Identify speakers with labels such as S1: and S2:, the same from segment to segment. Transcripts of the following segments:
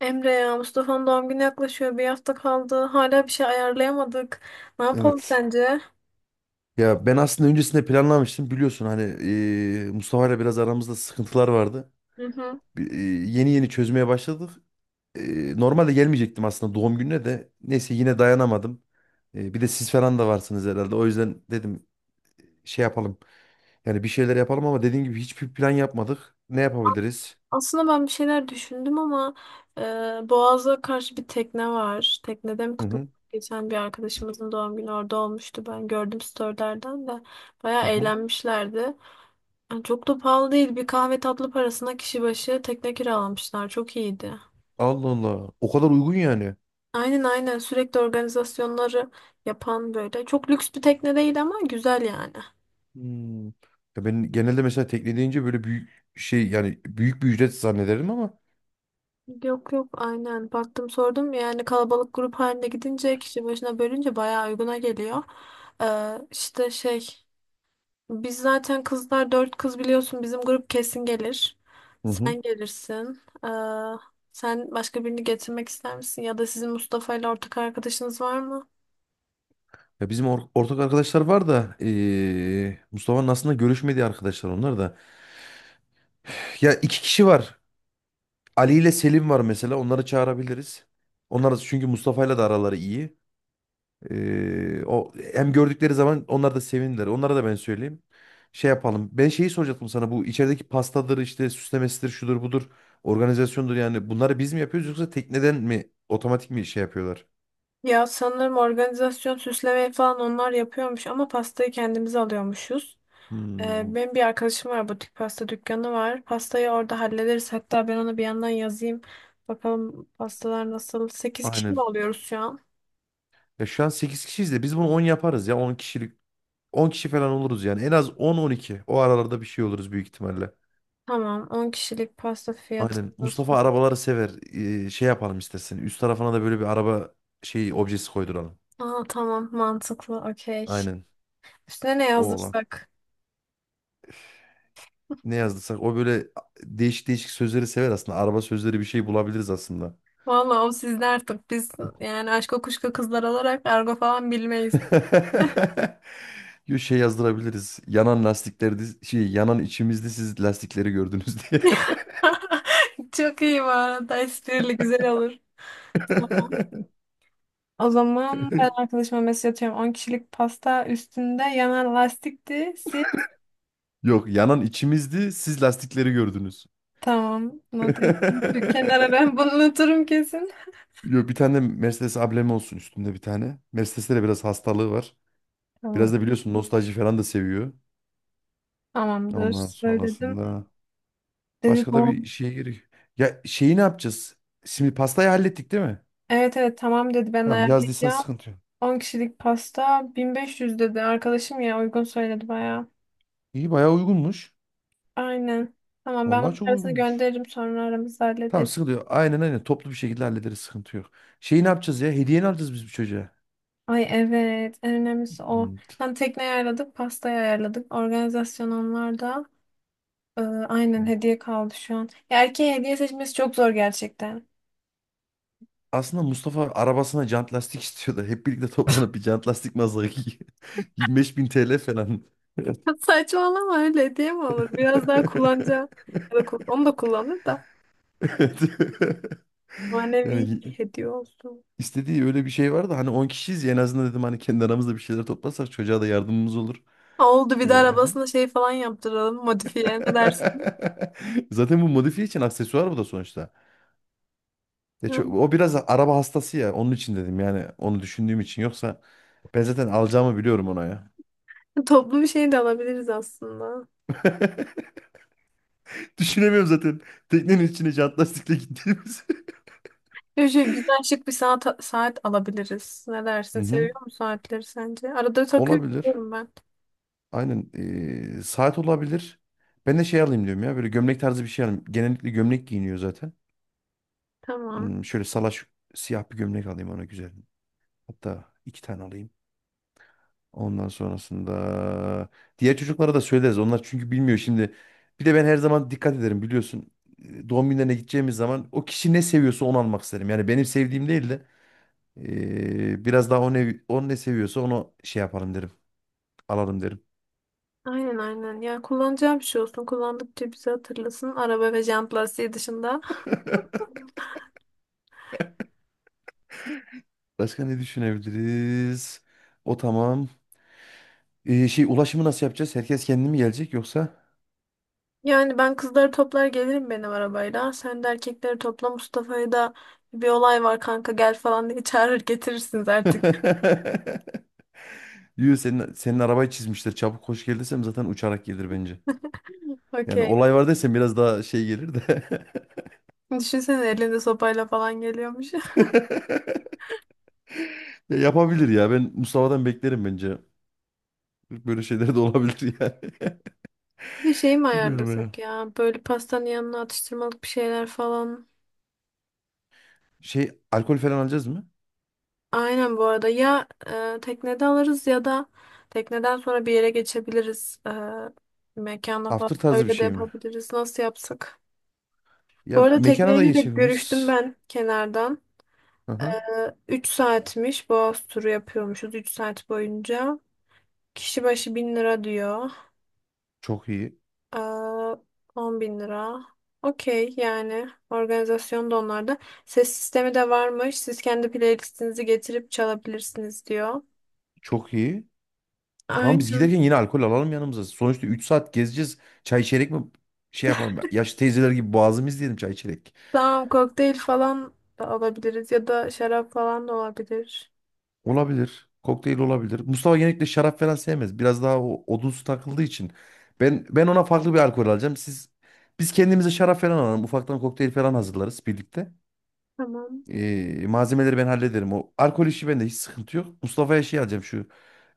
S1: Emre ya Mustafa'nın doğum günü yaklaşıyor. Bir hafta kaldı. Hala bir şey ayarlayamadık. Ne yapalım
S2: Evet.
S1: sence?
S2: Ya ben aslında öncesinde planlamıştım. Biliyorsun hani Mustafa ile biraz aramızda sıkıntılar vardı.
S1: Hı hı.
S2: Bir- e, yeni yeni çözmeye başladık. Normalde gelmeyecektim aslında doğum gününe de. Neyse yine dayanamadım. Bir de siz falan da varsınız herhalde. O yüzden dedim şey yapalım. Yani bir şeyler yapalım ama dediğim gibi hiçbir plan yapmadık. Ne yapabiliriz?
S1: Aslında ben bir şeyler düşündüm ama Boğaz'a karşı bir tekne var. Teknede mi
S2: Hı
S1: kutlamak?
S2: hı.
S1: Geçen bir arkadaşımızın doğum günü orada olmuştu. Ben gördüm storylerden de. Bayağı
S2: Hı hı.
S1: eğlenmişlerdi. Yani çok da pahalı değil. Bir kahve tatlı parasına kişi başı tekne kiralamışlar. Çok iyiydi.
S2: Allah Allah. O kadar uygun yani.
S1: Aynen aynen, sürekli organizasyonları yapan böyle. Çok lüks bir tekne değil ama güzel yani.
S2: Hmm. Ya ben genelde mesela tekne deyince böyle büyük şey yani büyük bir ücret zannederim ama.
S1: Yok yok, aynen baktım sordum, yani kalabalık grup halinde gidince kişi başına bölünce bayağı uyguna geliyor. İşte şey, biz zaten kızlar dört kız biliyorsun, bizim grup kesin gelir.
S2: Hı hı.
S1: Sen gelirsin. Sen başka birini getirmek ister misin, ya da sizin Mustafa ile ortak arkadaşınız var mı?
S2: Ya bizim ortak arkadaşlar var da Mustafa'nın aslında görüşmediği arkadaşlar onlar da. Ya iki kişi var. Ali ile Selim var mesela. Onları çağırabiliriz. Çünkü Mustafa'yla da araları iyi. O hem gördükleri zaman onlar da sevinirler. Onlara da ben söyleyeyim. Şey yapalım. Ben şeyi soracaktım sana. Bu içerideki pastadır işte süslemesidir şudur budur. Organizasyondur yani. Bunları biz mi yapıyoruz yoksa tekneden mi otomatik mi şey yapıyorlar?
S1: Ya sanırım organizasyon süslemeyi falan onlar yapıyormuş ama pastayı kendimiz alıyormuşuz.
S2: Hmm,
S1: Benim bir arkadaşım var, butik pasta dükkanı var. Pastayı orada hallederiz. Hatta ben ona bir yandan yazayım. Bakalım pastalar nasıl? 8 kişi
S2: aynen.
S1: mi oluyoruz şu an?
S2: Ya şu an 8 kişiyiz de biz bunu 10 yaparız ya 10 kişilik 10 kişi falan oluruz yani. En az 10-12. O aralarda bir şey oluruz büyük ihtimalle.
S1: Tamam. 10 kişilik pasta fiyatı
S2: Aynen. Mustafa
S1: nasıl?
S2: arabaları sever. Şey yapalım istersen. Üst tarafına da böyle bir araba şey objesi koyduralım.
S1: Aa, tamam, mantıklı. Okey.
S2: Aynen.
S1: Üstüne ne
S2: O olan.
S1: yazdırsak?
S2: Ne yazdıysak o böyle değişik değişik sözleri sever aslında. Araba sözleri bir şey bulabiliriz aslında.
S1: Vallahi o sizde artık. Biz yani aşk kuşka kızlar olarak argo falan bilmeyiz.
S2: Yo, şey yazdırabiliriz. Yanan lastiklerde şey yanan içimizde siz lastikleri gördünüz diye.
S1: Çok iyi bu arada. Esprili güzel olur. O zaman ben arkadaşıma mesaj atıyorum. 10 kişilik pasta, üstünde yana lastikti.
S2: Yok yanan içimizdi siz lastikleri gördünüz.
S1: Tamam. Not ettim şu kenara ben. Bunu unuturum kesin.
S2: Yo, bir tane Mercedes ablemi olsun üstünde bir tane. Mercedes'te de biraz hastalığı var. Biraz
S1: Tamam.
S2: da biliyorsun nostalji falan da seviyor.
S1: Tamamdır.
S2: Ondan
S1: Söyledim.
S2: sonrasında
S1: Dedi
S2: başka da bir
S1: tamam.
S2: şeye gerek. Ya şeyi ne yapacağız? Şimdi pastayı hallettik değil mi?
S1: Evet evet, tamam dedi, ben
S2: Tamam yazdıysan
S1: ayarlayacağım.
S2: sıkıntı yok.
S1: 10 kişilik pasta 1.500 dedi. Arkadaşım ya, uygun söyledi bayağı.
S2: İyi bayağı uygunmuş.
S1: Aynen. Tamam, ben
S2: Vallahi
S1: bunun
S2: çok
S1: parasını
S2: uygunmuş.
S1: gönderirim, sonra aramızda
S2: Tamam
S1: hallederiz.
S2: sıkıntı yok. Aynen aynen toplu bir şekilde hallederiz sıkıntı yok. Şeyi ne yapacağız ya? Hediye ne alacağız biz bu çocuğa?
S1: Ay evet, en önemlisi o.
S2: Hmm.
S1: Tam, tekneyi ayarladık, pastayı ayarladık. Organizasyon onlarda. Aynen, hediye kaldı şu an. Ya erkeğe hediye seçmesi çok zor gerçekten.
S2: Aslında Mustafa arabasına jant lastik istiyordu. Hep birlikte toplanıp bir jant lastik mazası 25 bin TL falan.
S1: Saçmalama, öyle hediye mi olur? Biraz daha kullanacağım. Ya da onu da kullanır da.
S2: Evet.
S1: Manevi
S2: Yani
S1: bir hediye olsun.
S2: istediği öyle bir şey vardı. Hani 10 kişiyiz ya en azından dedim hani kendi aramızda bir şeyler toplasak çocuğa da yardımımız olur.
S1: Oldu, bir
S2: Ee,
S1: de arabasına şey falan yaptıralım. Modifiye, ne dersin?
S2: Zaten bu modifiye için aksesuar bu da sonuçta. Ya
S1: Hı.
S2: o biraz araba hastası ya. Onun için dedim yani onu düşündüğüm için. Yoksa ben zaten alacağımı biliyorum ona ya.
S1: Toplu bir şey de alabiliriz aslında.
S2: Düşünemiyorum zaten. Teknenin içine jant lastikle gittiğimiz.
S1: Ya şey, güzel şık bir saat, saat alabiliriz. Ne dersin?
S2: Hı hı.
S1: Seviyor musun saatleri sence? Arada takıyorum
S2: Olabilir.
S1: biliyorum ben.
S2: Aynen. Saat olabilir. Ben de şey alayım diyorum ya. Böyle gömlek tarzı bir şey alayım. Genellikle gömlek giyiniyor zaten.
S1: Tamam.
S2: Şöyle salaş siyah bir gömlek alayım ona güzel. Hatta iki tane alayım. Ondan sonrasında diğer çocuklara da söyleriz. Onlar çünkü bilmiyor şimdi. Bir de ben her zaman dikkat ederim biliyorsun. Doğum günlerine gideceğimiz zaman o kişi ne seviyorsa onu almak isterim. Yani benim sevdiğim değil de biraz daha o ne seviyorsa onu şey yapalım derim. Alalım derim.
S1: Aynen aynen. Ya kullanacağım bir şey olsun. Kullandıkça bizi hatırlasın. Araba ve jant lastiği dışında.
S2: Başka ne düşünebiliriz? O tamam. Şey ulaşımı nasıl yapacağız? Herkes kendi mi gelecek yoksa?
S1: Yani ben kızları toplar gelirim benim arabayla. Sen de erkekleri topla, Mustafa'yı da bir olay var kanka gel falan diye çağırır getirirsiniz artık.
S2: Yürü senin arabayı çizmişler. Çabuk koş gel desem zaten uçarak gelir bence. Yani
S1: Okey.
S2: olay var desem biraz daha şey gelir de.
S1: Düşünsene, elinde sopayla falan geliyormuş.
S2: Ya yapabilir ya. Ben Mustafa'dan beklerim bence. Böyle şeyler de olabilir yani.
S1: Bir şey mi
S2: Bilmiyorum ya.
S1: ayarlasak ya? Böyle pastanın yanına atıştırmalık bir şeyler falan.
S2: Şey alkol falan alacağız mı?
S1: Aynen, bu arada ya, teknede alırız, ya da tekneden sonra bir yere geçebiliriz. Mekana falan
S2: After tarzı bir
S1: öyle de
S2: şey mi?
S1: yapabiliriz. Nasıl yapsak? Bu
S2: Ya
S1: arada
S2: mekana da
S1: tekneyle de görüştüm
S2: geçebiliriz.
S1: ben kenardan.
S2: Aha.
S1: 3 saatmiş. Boğaz turu yapıyormuşuz 3 saat boyunca. Kişi başı 1.000 lira diyor.
S2: Çok iyi.
S1: Aa, 10 bin lira. Okey, yani organizasyon da onlarda. Ses sistemi de varmış. Siz kendi playlistinizi getirip çalabilirsiniz diyor.
S2: Çok iyi. Tamam biz
S1: Aynen.
S2: giderken yine alkol alalım yanımıza. Sonuçta 3 saat gezeceğiz. Çay içerek mi şey yapalım ya? Yaşlı teyzeler gibi boğazımız diyelim çay içerek.
S1: Tamam, kokteyl falan da alabiliriz, ya da şarap falan da olabilir.
S2: Olabilir. Kokteyl olabilir. Mustafa genellikle şarap falan sevmez. Biraz daha o odunsu takıldığı için. Ben ona farklı bir alkol alacağım. Biz kendimize şarap falan alalım. Ufaktan kokteyl falan hazırlarız birlikte.
S1: Tamam.
S2: Malzemeleri ben hallederim. O alkol işi bende hiç sıkıntı yok. Mustafa'ya şey alacağım şu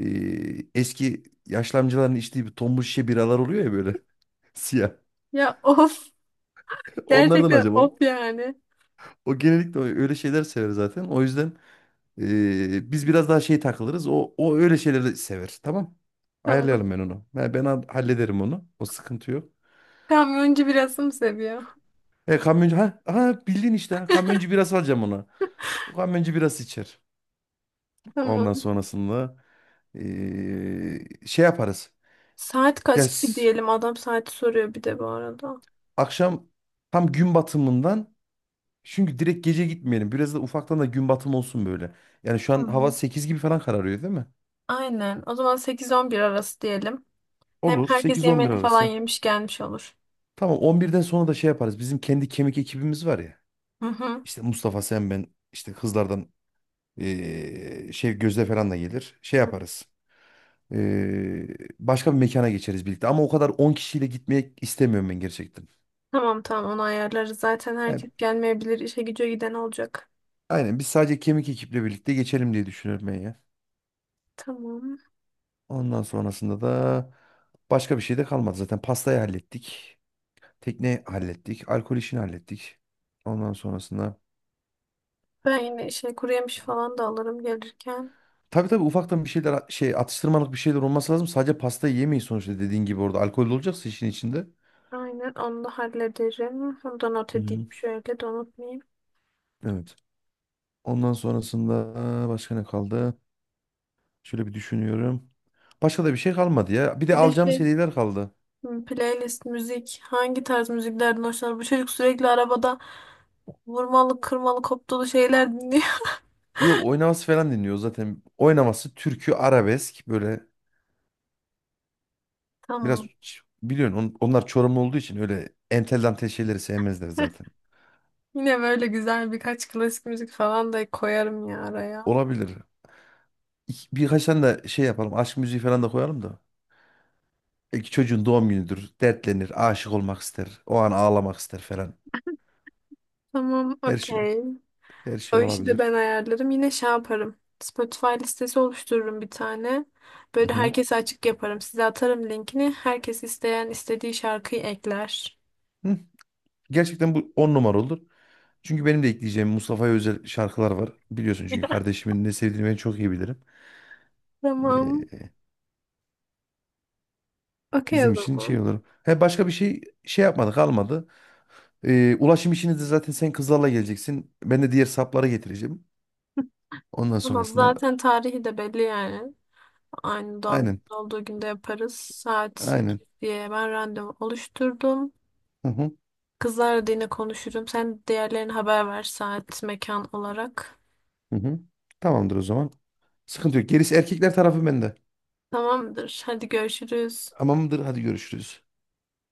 S2: eski yaşlı amcaların içtiği bir tombul şişe biralar oluyor ya böyle siyah.
S1: Ya of.
S2: Onlardan
S1: Gerçekten
S2: acaba?
S1: of yani.
S2: O genellikle öyle şeyler sever zaten. O yüzden biz biraz daha şey takılırız. O öyle şeyleri sever. Tamam.
S1: Tamam.
S2: Ayarlayalım ben onu. Ben hallederim onu. O sıkıntı yok.
S1: Kamyoncu birası mı seviyor?
S2: Kamyoncu ha, ha bildin işte. Ha, kamyoncu biraz alacağım ona. O kamyoncu biraz içer.
S1: Tamam.
S2: Ondan sonrasında şey yaparız.
S1: Saat
S2: Ya
S1: kaç gibi diyelim? Adam saati soruyor bir de bu arada.
S2: akşam tam gün batımından çünkü direkt gece gitmeyelim. Biraz da ufaktan da gün batımı olsun böyle. Yani şu an
S1: Hı.
S2: hava 8 gibi falan kararıyor değil mi?
S1: Aynen. O zaman sekiz on bir arası diyelim. Hem
S2: Olur.
S1: herkes
S2: sekiz on bir
S1: yemeğini falan
S2: arası.
S1: yemiş gelmiş olur.
S2: Tamam 11'den sonra da şey yaparız. Bizim kendi kemik ekibimiz var ya.
S1: Hı hı.
S2: İşte Mustafa sen ben işte kızlardan şey Gözde falan da gelir. Şey
S1: Hı.
S2: yaparız. Eee, başka bir mekana geçeriz birlikte. Ama o kadar 10 kişiyle gitmek istemiyorum ben gerçekten.
S1: Tamam tamam, onu ayarlarız. Zaten
S2: Yani
S1: herkes gelmeyebilir. İşe güce giden olacak.
S2: aynen biz sadece kemik ekiple birlikte geçelim diye düşünüyorum ben ya.
S1: Tamam.
S2: Ondan sonrasında da başka bir şey de kalmadı. Zaten pastayı hallettik. Tekne hallettik. Alkol işini hallettik. Ondan sonrasında
S1: Ben yine şey, kuru yemiş falan da alırım gelirken.
S2: tabii tabii ufaktan bir şeyler şey atıştırmalık bir şeyler olması lazım. Sadece pastayı yemeyin sonuçta dediğin gibi orada alkol de olacaksa işin içinde.
S1: Aynen, onu da hallederim. Onu da not
S2: Hı
S1: edeyim
S2: hı.
S1: şöyle, de unutmayayım.
S2: Evet. Ondan sonrasında başka ne kaldı? Şöyle bir düşünüyorum. Başka da bir şey kalmadı ya. Bir de
S1: Bir de
S2: alacağımız
S1: şey.
S2: hediyeler kaldı.
S1: Hmm, playlist, müzik. Hangi tarz müziklerden hoşlanır? Bu çocuk sürekli arabada vurmalı, kırmalı, koptalı şeyler dinliyor.
S2: Yo, oynaması falan dinliyor zaten. Oynaması türkü arabesk böyle biraz
S1: Tamam.
S2: biliyorsun onlar Çorumlu olduğu için öyle entel dantel şeyleri sevmezler zaten.
S1: Yine böyle güzel birkaç klasik müzik falan da koyarım ya araya.
S2: Olabilir. Birkaç tane de şey yapalım. Aşk müziği falan da koyalım da. İki çocuğun doğum günüdür. Dertlenir, aşık olmak ister. O an ağlamak ister falan.
S1: Tamam,
S2: Her şey,
S1: okey.
S2: her şey
S1: O işi de
S2: olabilir.
S1: ben ayarlarım. Yine şey yaparım. Spotify listesi oluştururum bir tane.
S2: Hı
S1: Böyle
S2: hı.
S1: herkese açık yaparım. Size atarım linkini. Herkes isteyen istediği şarkıyı ekler.
S2: Hı. Gerçekten bu 10 numara olur. Çünkü benim de ekleyeceğim Mustafa'ya özel şarkılar var. Biliyorsun çünkü kardeşimin ne sevdiğini ben çok iyi bilirim.
S1: Tamam.
S2: Ee,
S1: Okey o
S2: bizim için şey
S1: zaman.
S2: olur. He, başka bir şey şey yapmadık almadı. Ulaşım işini de zaten sen kızlarla geleceksin. Ben de diğer sapları getireceğim. Ondan
S1: Tamam,
S2: sonrasında
S1: zaten tarihi de belli yani. Aynı doğum
S2: aynen
S1: günü olduğu günde yaparız. Saat
S2: aynen.
S1: sekiz diye ben randevu oluşturdum.
S2: Hı hı,
S1: Kızlarla da yine konuşurum. Sen diğerlerine haber ver, saat, mekan olarak.
S2: hı hı. Tamamdır o zaman. Sıkıntı yok. Gerisi erkekler tarafı bende.
S1: Tamamdır. Hadi görüşürüz.
S2: Tamamdır hadi görüşürüz.